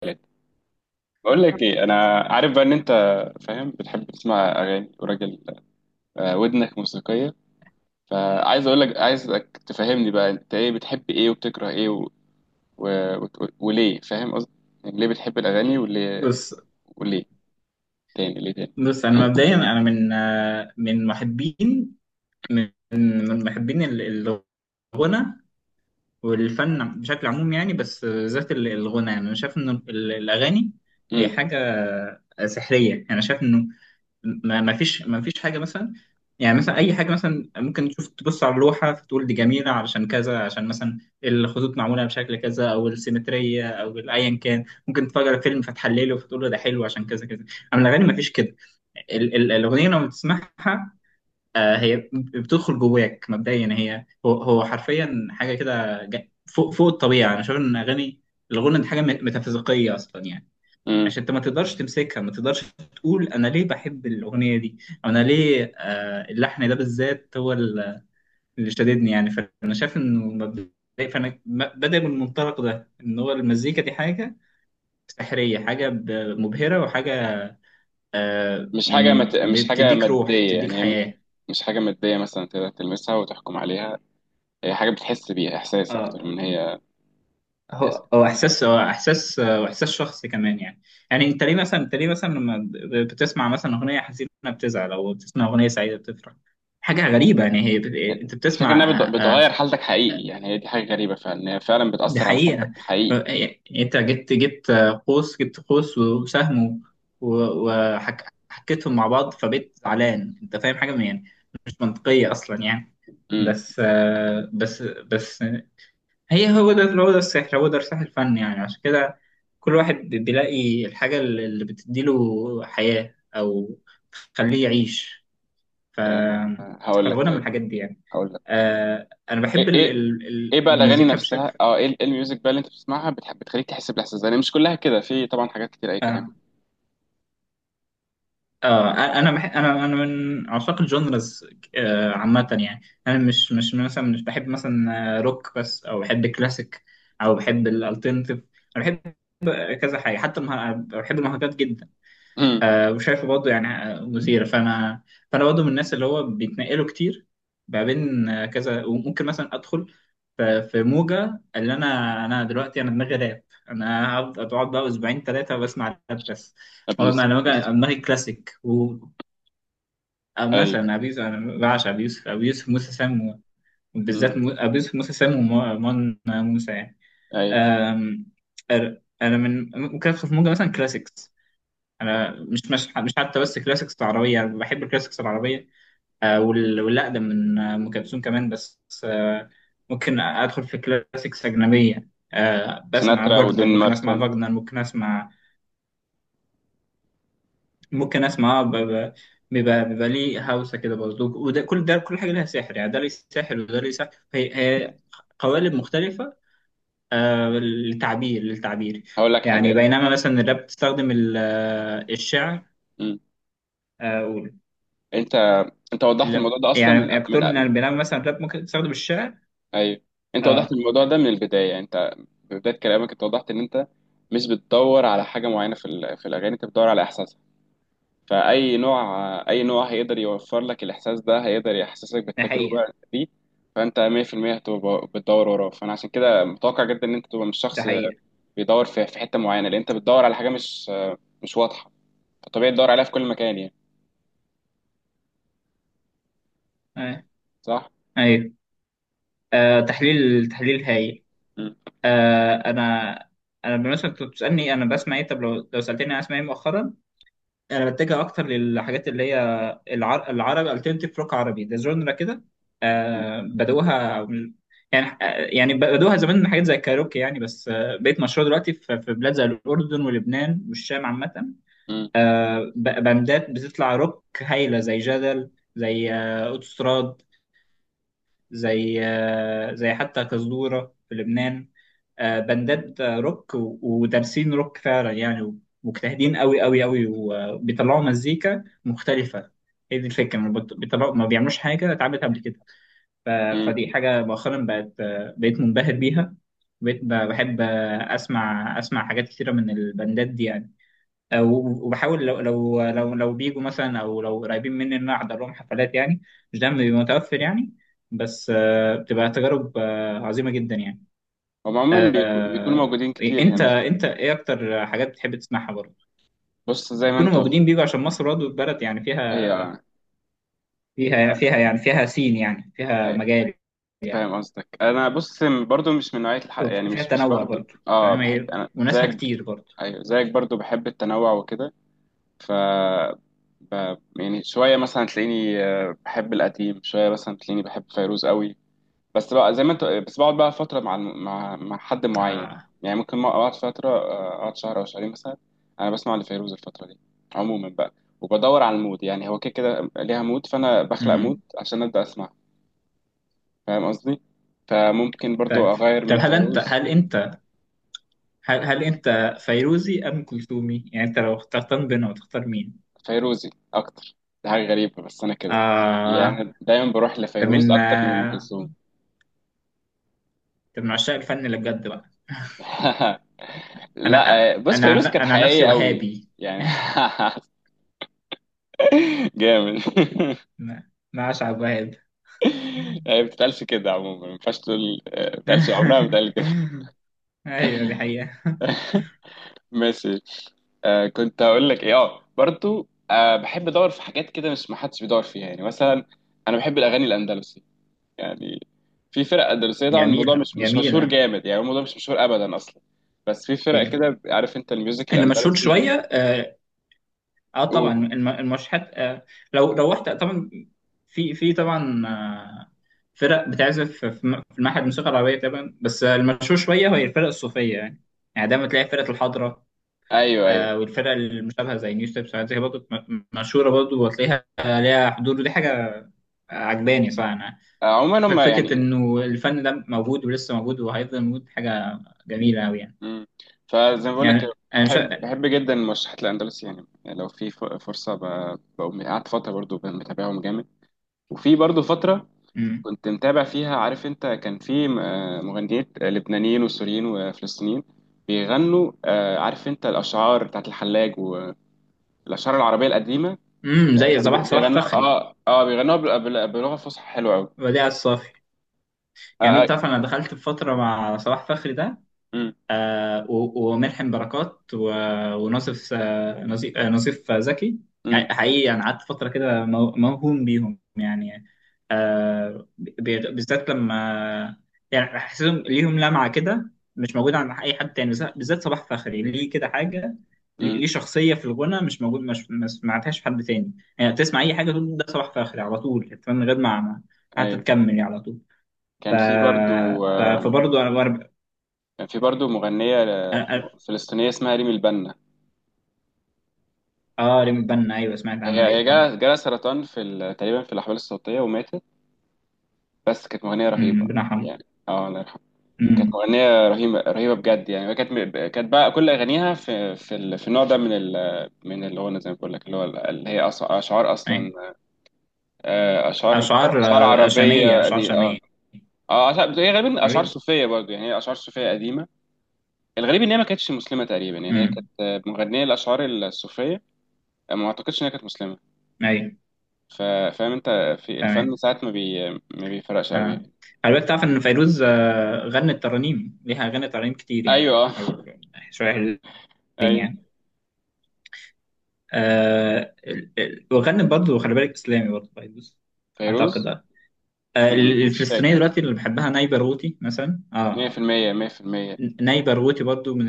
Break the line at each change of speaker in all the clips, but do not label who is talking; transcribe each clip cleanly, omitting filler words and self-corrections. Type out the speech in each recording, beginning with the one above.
ثالث. بقول لك ايه، انا عارف بقى ان انت فاهم، بتحب تسمع اغاني وراجل ودنك موسيقيه. فعايز اقول لك، عايزك تفهمني بقى، انت ايه؟ بتحب ايه وبتكره ايه و... و... وليه؟ فاهم قصدي؟ يعني ليه بتحب الاغاني؟ وليه
بص
وليه تاني؟ ليه تاني؟
بص. انا مبدئيا، انا من محبين، من محبين الغنى والفن بشكل عموم يعني. بس ذات الغنى، يعني انا شايف ان الاغاني هي
امم
حاجه سحريه. يعني انا شايف انه ما فيش حاجه مثلا. يعني مثلا اي حاجه، مثلا ممكن تبص على اللوحه فتقول دي جميله علشان كذا، عشان مثلا الخطوط معموله بشكل كذا او السيمتريه او ايا كان. ممكن تتفرج على فيلم فتحلله فتقول له ده حلو عشان كذا كذا، اما الاغاني ما فيش كده. الأغنية لما بتسمعها هي بتدخل جواك مبدئيا، هي هو حرفيا حاجة كده فوق الطبيعة. أنا شايف إن أغاني الغنى دي حاجة ميتافيزيقية أصلا يعني.
امم
عشان أنت ما تقدرش تمسكها، ما تقدرش تقول أنا ليه بحب الأغنية دي، أو أنا ليه اللحن ده بالذات هو اللي شددني يعني. فأنا شايف إنه مبدئيا، فأنا بادئ من المنطلق ده إن هو المزيكا دي حاجة سحرية، حاجة مبهرة وحاجة
مش حاجه
يعني
مش حاجه
بتديك روح
ماديه
بتديك
يعني،
حياة.
مش حاجه ماديه مثلا تقدر تلمسها وتحكم عليها. هي حاجه بتحس بيها احساس
اه،
اكتر من هي.
هو احساس واحساس شخصي كمان يعني. يعني انت ليه مثلا، انت ليه مثلا لما بتسمع مثلا اغنيه حزينه بتزعل، او بتسمع اغنيه سعيده بتفرح؟ حاجه غريبه يعني، هي انت
الفكرة
بتسمع.
انها
آه، آه،
بتغير حالتك حقيقي، يعني هي دي حاجة غريبة فعلا، إن هي فعلا
دي
بتأثر على حالتك
حقيقه.
حقيقي.
يعني انت جبت قوس وسهم وحكيتهم مع بعض فبقيت زعلان. انت فاهم حاجه يعني مش منطقيه اصلا يعني.
امم
بس بس هي، هو ده السحر، هو ده السحر الفني يعني. عشان كده كل واحد بيلاقي الحاجة اللي بتديله حياة أو تخليه يعيش. ف...
هقول لك
فالغنى من
طيب.
الحاجات دي يعني.
هقول لك
آه أنا بحب
ايه ايه ايه بقى الاغاني
المزيكا
نفسها؟
بشكل
اه ايه ال- إيه الميوزك بقى اللي انت بتسمعها، بتحب بتخليك تحس بالاحساس ده؟ يعني مش كلها كده، في طبعا حاجات كتير اي كلام.
آه, أنا من عشاق الجونرز عامة يعني. أنا مش مثلا، مش بحب مثلا روك بس، أو بحب كلاسيك، أو بحب الالترناتيف. أنا بحب كذا حاجة، حتى بحب المهرجانات جدا.
امم.
وشايفه برضه يعني مثيرة. فأنا، برضه من الناس اللي هو بيتنقلوا كتير ما بين كذا. وممكن مثلا أدخل في موجة، اللي أنا دلوقتي أنا دماغي راب. أنا أقعد بقى أسبوعين ثلاثة بسمع راب بس. مرة
ابيوسف
أنا بقى
ابيوسف
دماغي كلاسيك، و
ايوه.
مثلا أبي يوسف، أنا بعشق أبي يوسف، أبي يوسف موسى سام.
امم.
وبالذات أبي يوسف موسى سام ومون موسى يعني.
ايوه.
آم، أنا من ممكن أدخل في موجة مثلا كلاسيكس. انا مش حتى بس كلاسيكس العربيه، أنا بحب الكلاسيكس العربيه والاقدم من ام كلثوم كمان. بس ممكن ادخل في كلاسيكس اجنبيه، بسمع
سيناترا
فاجنر،
ودين
ممكن اسمع
مارتن.
فاجنر، ممكن اسمع، ممكن اسمع بيبقى ليه هوسه كده برضه. وده، كل ده، كل حاجه لها سحر يعني، ده ليه سحر وده ليه سحر. هي قوالب مختلفه للتعبير،
هقول لك حاجة،
يعني.
انت.
بينما مثلا الراب بتستخدم الشعر.
امم. انت انت وضحت
لا
الموضوع ده اصلا من
يعني كتر
من
من البرنامج مثلا الراب ممكن تستخدم الشعر.
ايوه انت وضحت
اه.
الموضوع ده من البدايه، يعني انت في بدايه كلامك انت وضحت ان انت مش بتدور على حاجه معينه في الاغاني، انت بتدور على احساسها. فاي نوع، اي نوع هيقدر يوفر لك الاحساس ده؟ هيقدر يحسسك
ده حقيقة.
بالتجربه دي. فانت 100% هتبقى بتدور وراه. فانا عشان كده متوقع جدا ان انت تبقى مش
ده
شخص
حقيقة.
بيدور في حته معينه، لان انت بتدور على حاجه مش واضحه. فطبيعي تدور عليها في كل مكان يعني.
آه.
صح.
ايوه. آه تحليل هايل.
مم.
آه انا، بالنسبة كنت بتسألني انا بسمع ايه؟ طب لو سألتني انا اسمع ايه مؤخرا، انا بتجه اكتر للحاجات اللي هي العربي الترنتيف روك عربي. ده جونرا كده آه بدأوها يعني يعني بدأوها زمان من حاجات زي الكاروكي يعني. بس بقت مشهورة دلوقتي في في بلاد زي الأردن ولبنان والشام عامة.
مم.
بندات بتطلع روك هايلة زي جدل، زي اوتوستراد، زي حتى كزدورة في لبنان. بندات روك ودارسين روك فعلا يعني، مجتهدين قوي قوي قوي، وبيطلعوا مزيكا مختلفة. هي دي الفكرة، ما بت- بيطلعوا، ما بيعملوش حاجة اتعملت قبل كده. ف-
مم.
فدي حاجة مؤخرا بقت بقيت منبهر بيها. بقيت بحب اسمع حاجات كتيرة من البندات دي يعني. وبحاول لو بيجوا مثلا او لو قريبين مني ان انا احضر لهم حفلات يعني. مش دايما بيبقى متوفر يعني. بس بتبقى تجارب عظيمة جدا يعني.
هم عموما بيكونوا
آه،
موجودين كتير
انت،
هنا.
ايه اكتر حاجات بتحب تسمعها برضه؟
بص زي ما
بيكونوا
انت قلت.
موجودين، بيجوا عشان مصر برضه بلد يعني فيها،
هي.
فيها يعني فيها سين يعني فيها مجال يعني،
فاهم قصدك. انا بص برضو مش من نوعيه يعني
فيها
مش
تنوع
برضو،
برضه.
اه
تمام،
بحب
هي
انا
وناسها
زيك.
كتير برضه.
ايوه زيك برضو، بحب التنوع وكده. ف يعني شويه مثلا تلاقيني بحب القديم، شويه مثلا تلاقيني بحب فيروز قوي. بس بقى زي ما انت، بس بقعد بقى فتره مع مع حد معين.
آه.
يعني ممكن ما اقعد فتره، اقعد شهر او شهرين مثلا. انا بسمع لفيروز الفتره دي عموما بقى. وبدور على المود، يعني هو كده كده ليها مود، فانا بخلق مود
مم.
عشان ابدا اسمع. فاهم قصدي؟ فممكن برضو
طيب.
اغير
طب
من
هل انت
فيروز.
هل انت هل هل انت فيروزي ام كلثومي؟ يعني انت لو اخترتان بينهم تختار مين؟
فيروزي اكتر. دي حاجه غريبه بس انا كده،
آه،
يعني دايما بروح
ده
لفيروز
من
اكتر من ام كلثوم.
ده من عشاق الفن اللي بجد بقى. انا آه،
لا بص،
انا عن-
فيروز كانت
انا عن نفسي
حقيقيه قوي
وهابي.
يعني. جامد.
ما، اشعب وهاب.
هي ما بتتقالش كده عموما، ما ينفعش تقول ما بتتقالش، عمرها ما بتتقال كده.
ايوه دي حقيقة.
ماشي. آه كنت هقول لك ايه، اه برضو بحب ادور في حاجات كده مش ما حدش بيدور فيها، يعني مثلا انا بحب الاغاني الاندلسي يعني. في فرق دراسية طبعا، الموضوع
جميلة
مش مشهور
جميلة.
جامد يعني، الموضوع مش مشهور أبدا أصلا. بس في فرق
إيه.
كده، عارف أنت الميوزك
اللي مشهور شوية
الأندلسي؟
اه طبعا
قول.
المشهد آه، لو رحت طبعا، في في طبعا آه فرق بتعزف في في المعهد الموسيقى العربية طبعا. بس المشهور شوية هي الفرق الصوفية يعني. يعني دايما تلاقي فرقة الحضرة،
أيوه أيوه.
آه، والفرق المشابهة زي نيو ستيبس وحاجات زي برضه مشهورة برضه، وتلاقيها ليها حضور. ودي حاجة عجباني صراحة أنا.
عموما هم
فكرة
يعني.
إنه الفن ده موجود ولسه موجود وهيفضل موجود حاجة جميلة أوي يعني.
مم. فزي ما بقول لك
يعني
كده،
أنا مش.
بحب جدا المرشحات الأندلسي يعني، يعني لو في فرصة بقوم قعدت فترة برضو متابعهم جامد. وفي برضو فترة
امم.
كنت متابع فيها، عارف أنت كان في مغنيين لبنانيين وسوريين وفلسطينيين بيغنوا، عارف أنت الأشعار بتاعت الحلاج والأشعار العربية القديمة.
أمم، زي
كانوا
صباح
بيغنوا،
فخري،
بيغنوا بلغة فصحى حلوة أوي.
وديع الصافي.
آه
جميل.
آه.
تعرف انا دخلت في فتره مع صلاح فخري ده
أمم،
وملحم بركات وناصف نظيف زكي.
أمم،
يعني حقيقي انا قعدت فتره كده موهوم بيهم يعني. بالذات لما، يعني حسيتهم ليهم لمعه كده مش موجوده عند اي حد تاني. بالذات، بالذات صلاح فخري، ليه كده حاجه، ليه
أمم.
ليه شخصيه في الغنى مش موجود، مش ما سمعتهاش في حد تاني يعني. تسمع اي حاجه تقول ده صلاح فخري على طول من غير حتى
أيوه.
تكمل يعني، على طول. ف...
كان في برضو آه
فبرضه انا، وانا ب-
كان في برضو مغنية
أنا- أنا-
فلسطينية اسمها ريم البنا.
اه ريم بنا، ايوه سمعت عنها،
هي
ايوه
هي
طبعا.
جالها سرطان تقريبا في الأحوال الصوتية وماتت، بس كانت مغنية
امم،
رهيبة
ربنا يرحمه.
يعني. اه الله يرحمها. كانت
امم.
مغنية رهيبة رهيبة بجد يعني. كانت بقى كل أغانيها في النوع ده من من الغنى زي ما بقول لك، اللي هو اللي هي أشعار
ايوه.
أصلا. آه، أشعار
اشعار
أشعار
شاميه،
عربية
اشعار
دي. اه.
شاميه.
اه هي غالبا اشعار
ايوه.
صوفيه برضه يعني، هي اشعار صوفيه قديمه. الغريب ان هي ما كانتش مسلمه تقريبا، يعني هي
امم.
كانت مغنيه الاشعار الصوفيه، ما اعتقدش ان هي كانت مسلمه.
ايوه.
ف- فاهم انت؟ في الفن
تمام.
ساعات ما بيفرقش قوي
اه
يعني.
خلي بالك تعرف ان فيروز غنت ترانيم، ليها اغاني ترانيم كتير يعني.
ايوه. اه.
او شويه حلوين
ايوه
يعني. وغنت برضه، خلي بالك، اسلامي برضه فيروز اعتقد.
فيروز.
آه.
مش
الفلسطينيه
فاكر.
دلوقتي اللي بحبها نايبه روتي مثلا. اه
100% 100%
ناي باروتي برضو من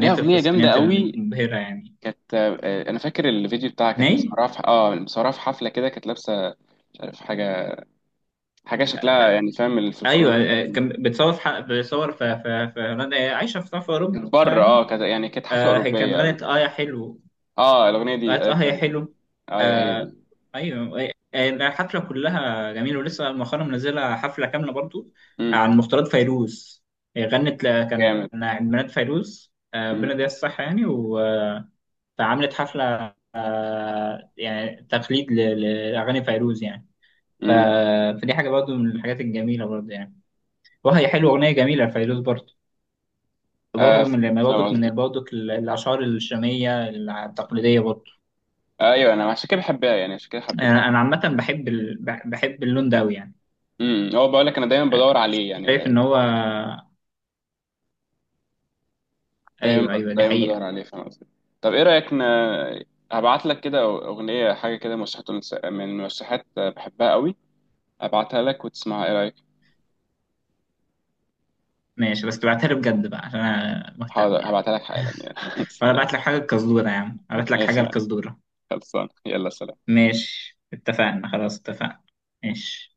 ليها اغنيه جامده
الفلسطينيات
قوي.
المبهرة يعني.
كانت انا فاكر الفيديو بتاعها، كانت
ناي.
مسهرة في مسهرة في حفله كده، كانت لابسه مش عارف حاجه، حاجه شكلها يعني فاهم
ايوه.
الفلكلور.
كان بتصور في بتصور في هولندا، هي عايشة في في اوروبا
كانت بره
يعني.
اه كانت يعني كانت حفله
هي كان
اوروبيه. آه.
غنت اه يا حلو،
اه الاغنيه دي،
غنت
ايوه
اه يا
فاهم.
حلو.
ايوه هي
آه.
دي.
ايوه. الحفلة كلها جميلة. ولسه مؤخرا منزلة حفلة كاملة برضو
امم.
عن مختارات فيروز. هي غنت كان
جامد.
عيد ميلاد فيروز
امم.
ربنا يديها الصحة يعني. فعملت حفلة يعني تقليد لأغاني فيروز يعني. ف-
امم.
فدي حاجة برضو من الحاجات الجميلة برضو يعني. وهي حلوة، أغنية جميلة لفيروز برضو.
آه.
برضو من، لما، برضو
فاهم قصدك.
من برضو الأشعار الشامية التقليدية برضو.
ايوه انا عشان كده بحبها، يعني عشان كده حبيتها.
أنا عامة بحب بحب اللون ده أوي يعني.
امم. هو بقول لك، انا دايما
آه،
بدور عليه يعني،
شايف إن هو،
دايما
أيوه أيوه دي
دايما بدور
حقيقة.
عليه. فاهم قصدك؟ طب ايه رايك هبعت لك كده اغنيه، حاجه كده مرشحات من مرشحات بحبها قوي. هبعتها لك وتسمعها، ايه رايك؟
ماشي، بس تبعتها لي بجد بقى عشان أنا مهتم
حاضر
يعني.
هبعتها لك حالا يعني.
وأنا
سلام.
بعت لك حاجة القزدورة يا عم، أبعت لك حاجة
ماشي يعني.
القزدورة.
خلصان، يلا سلام.
ماشي اتفقنا، خلاص اتفقنا. ماشي.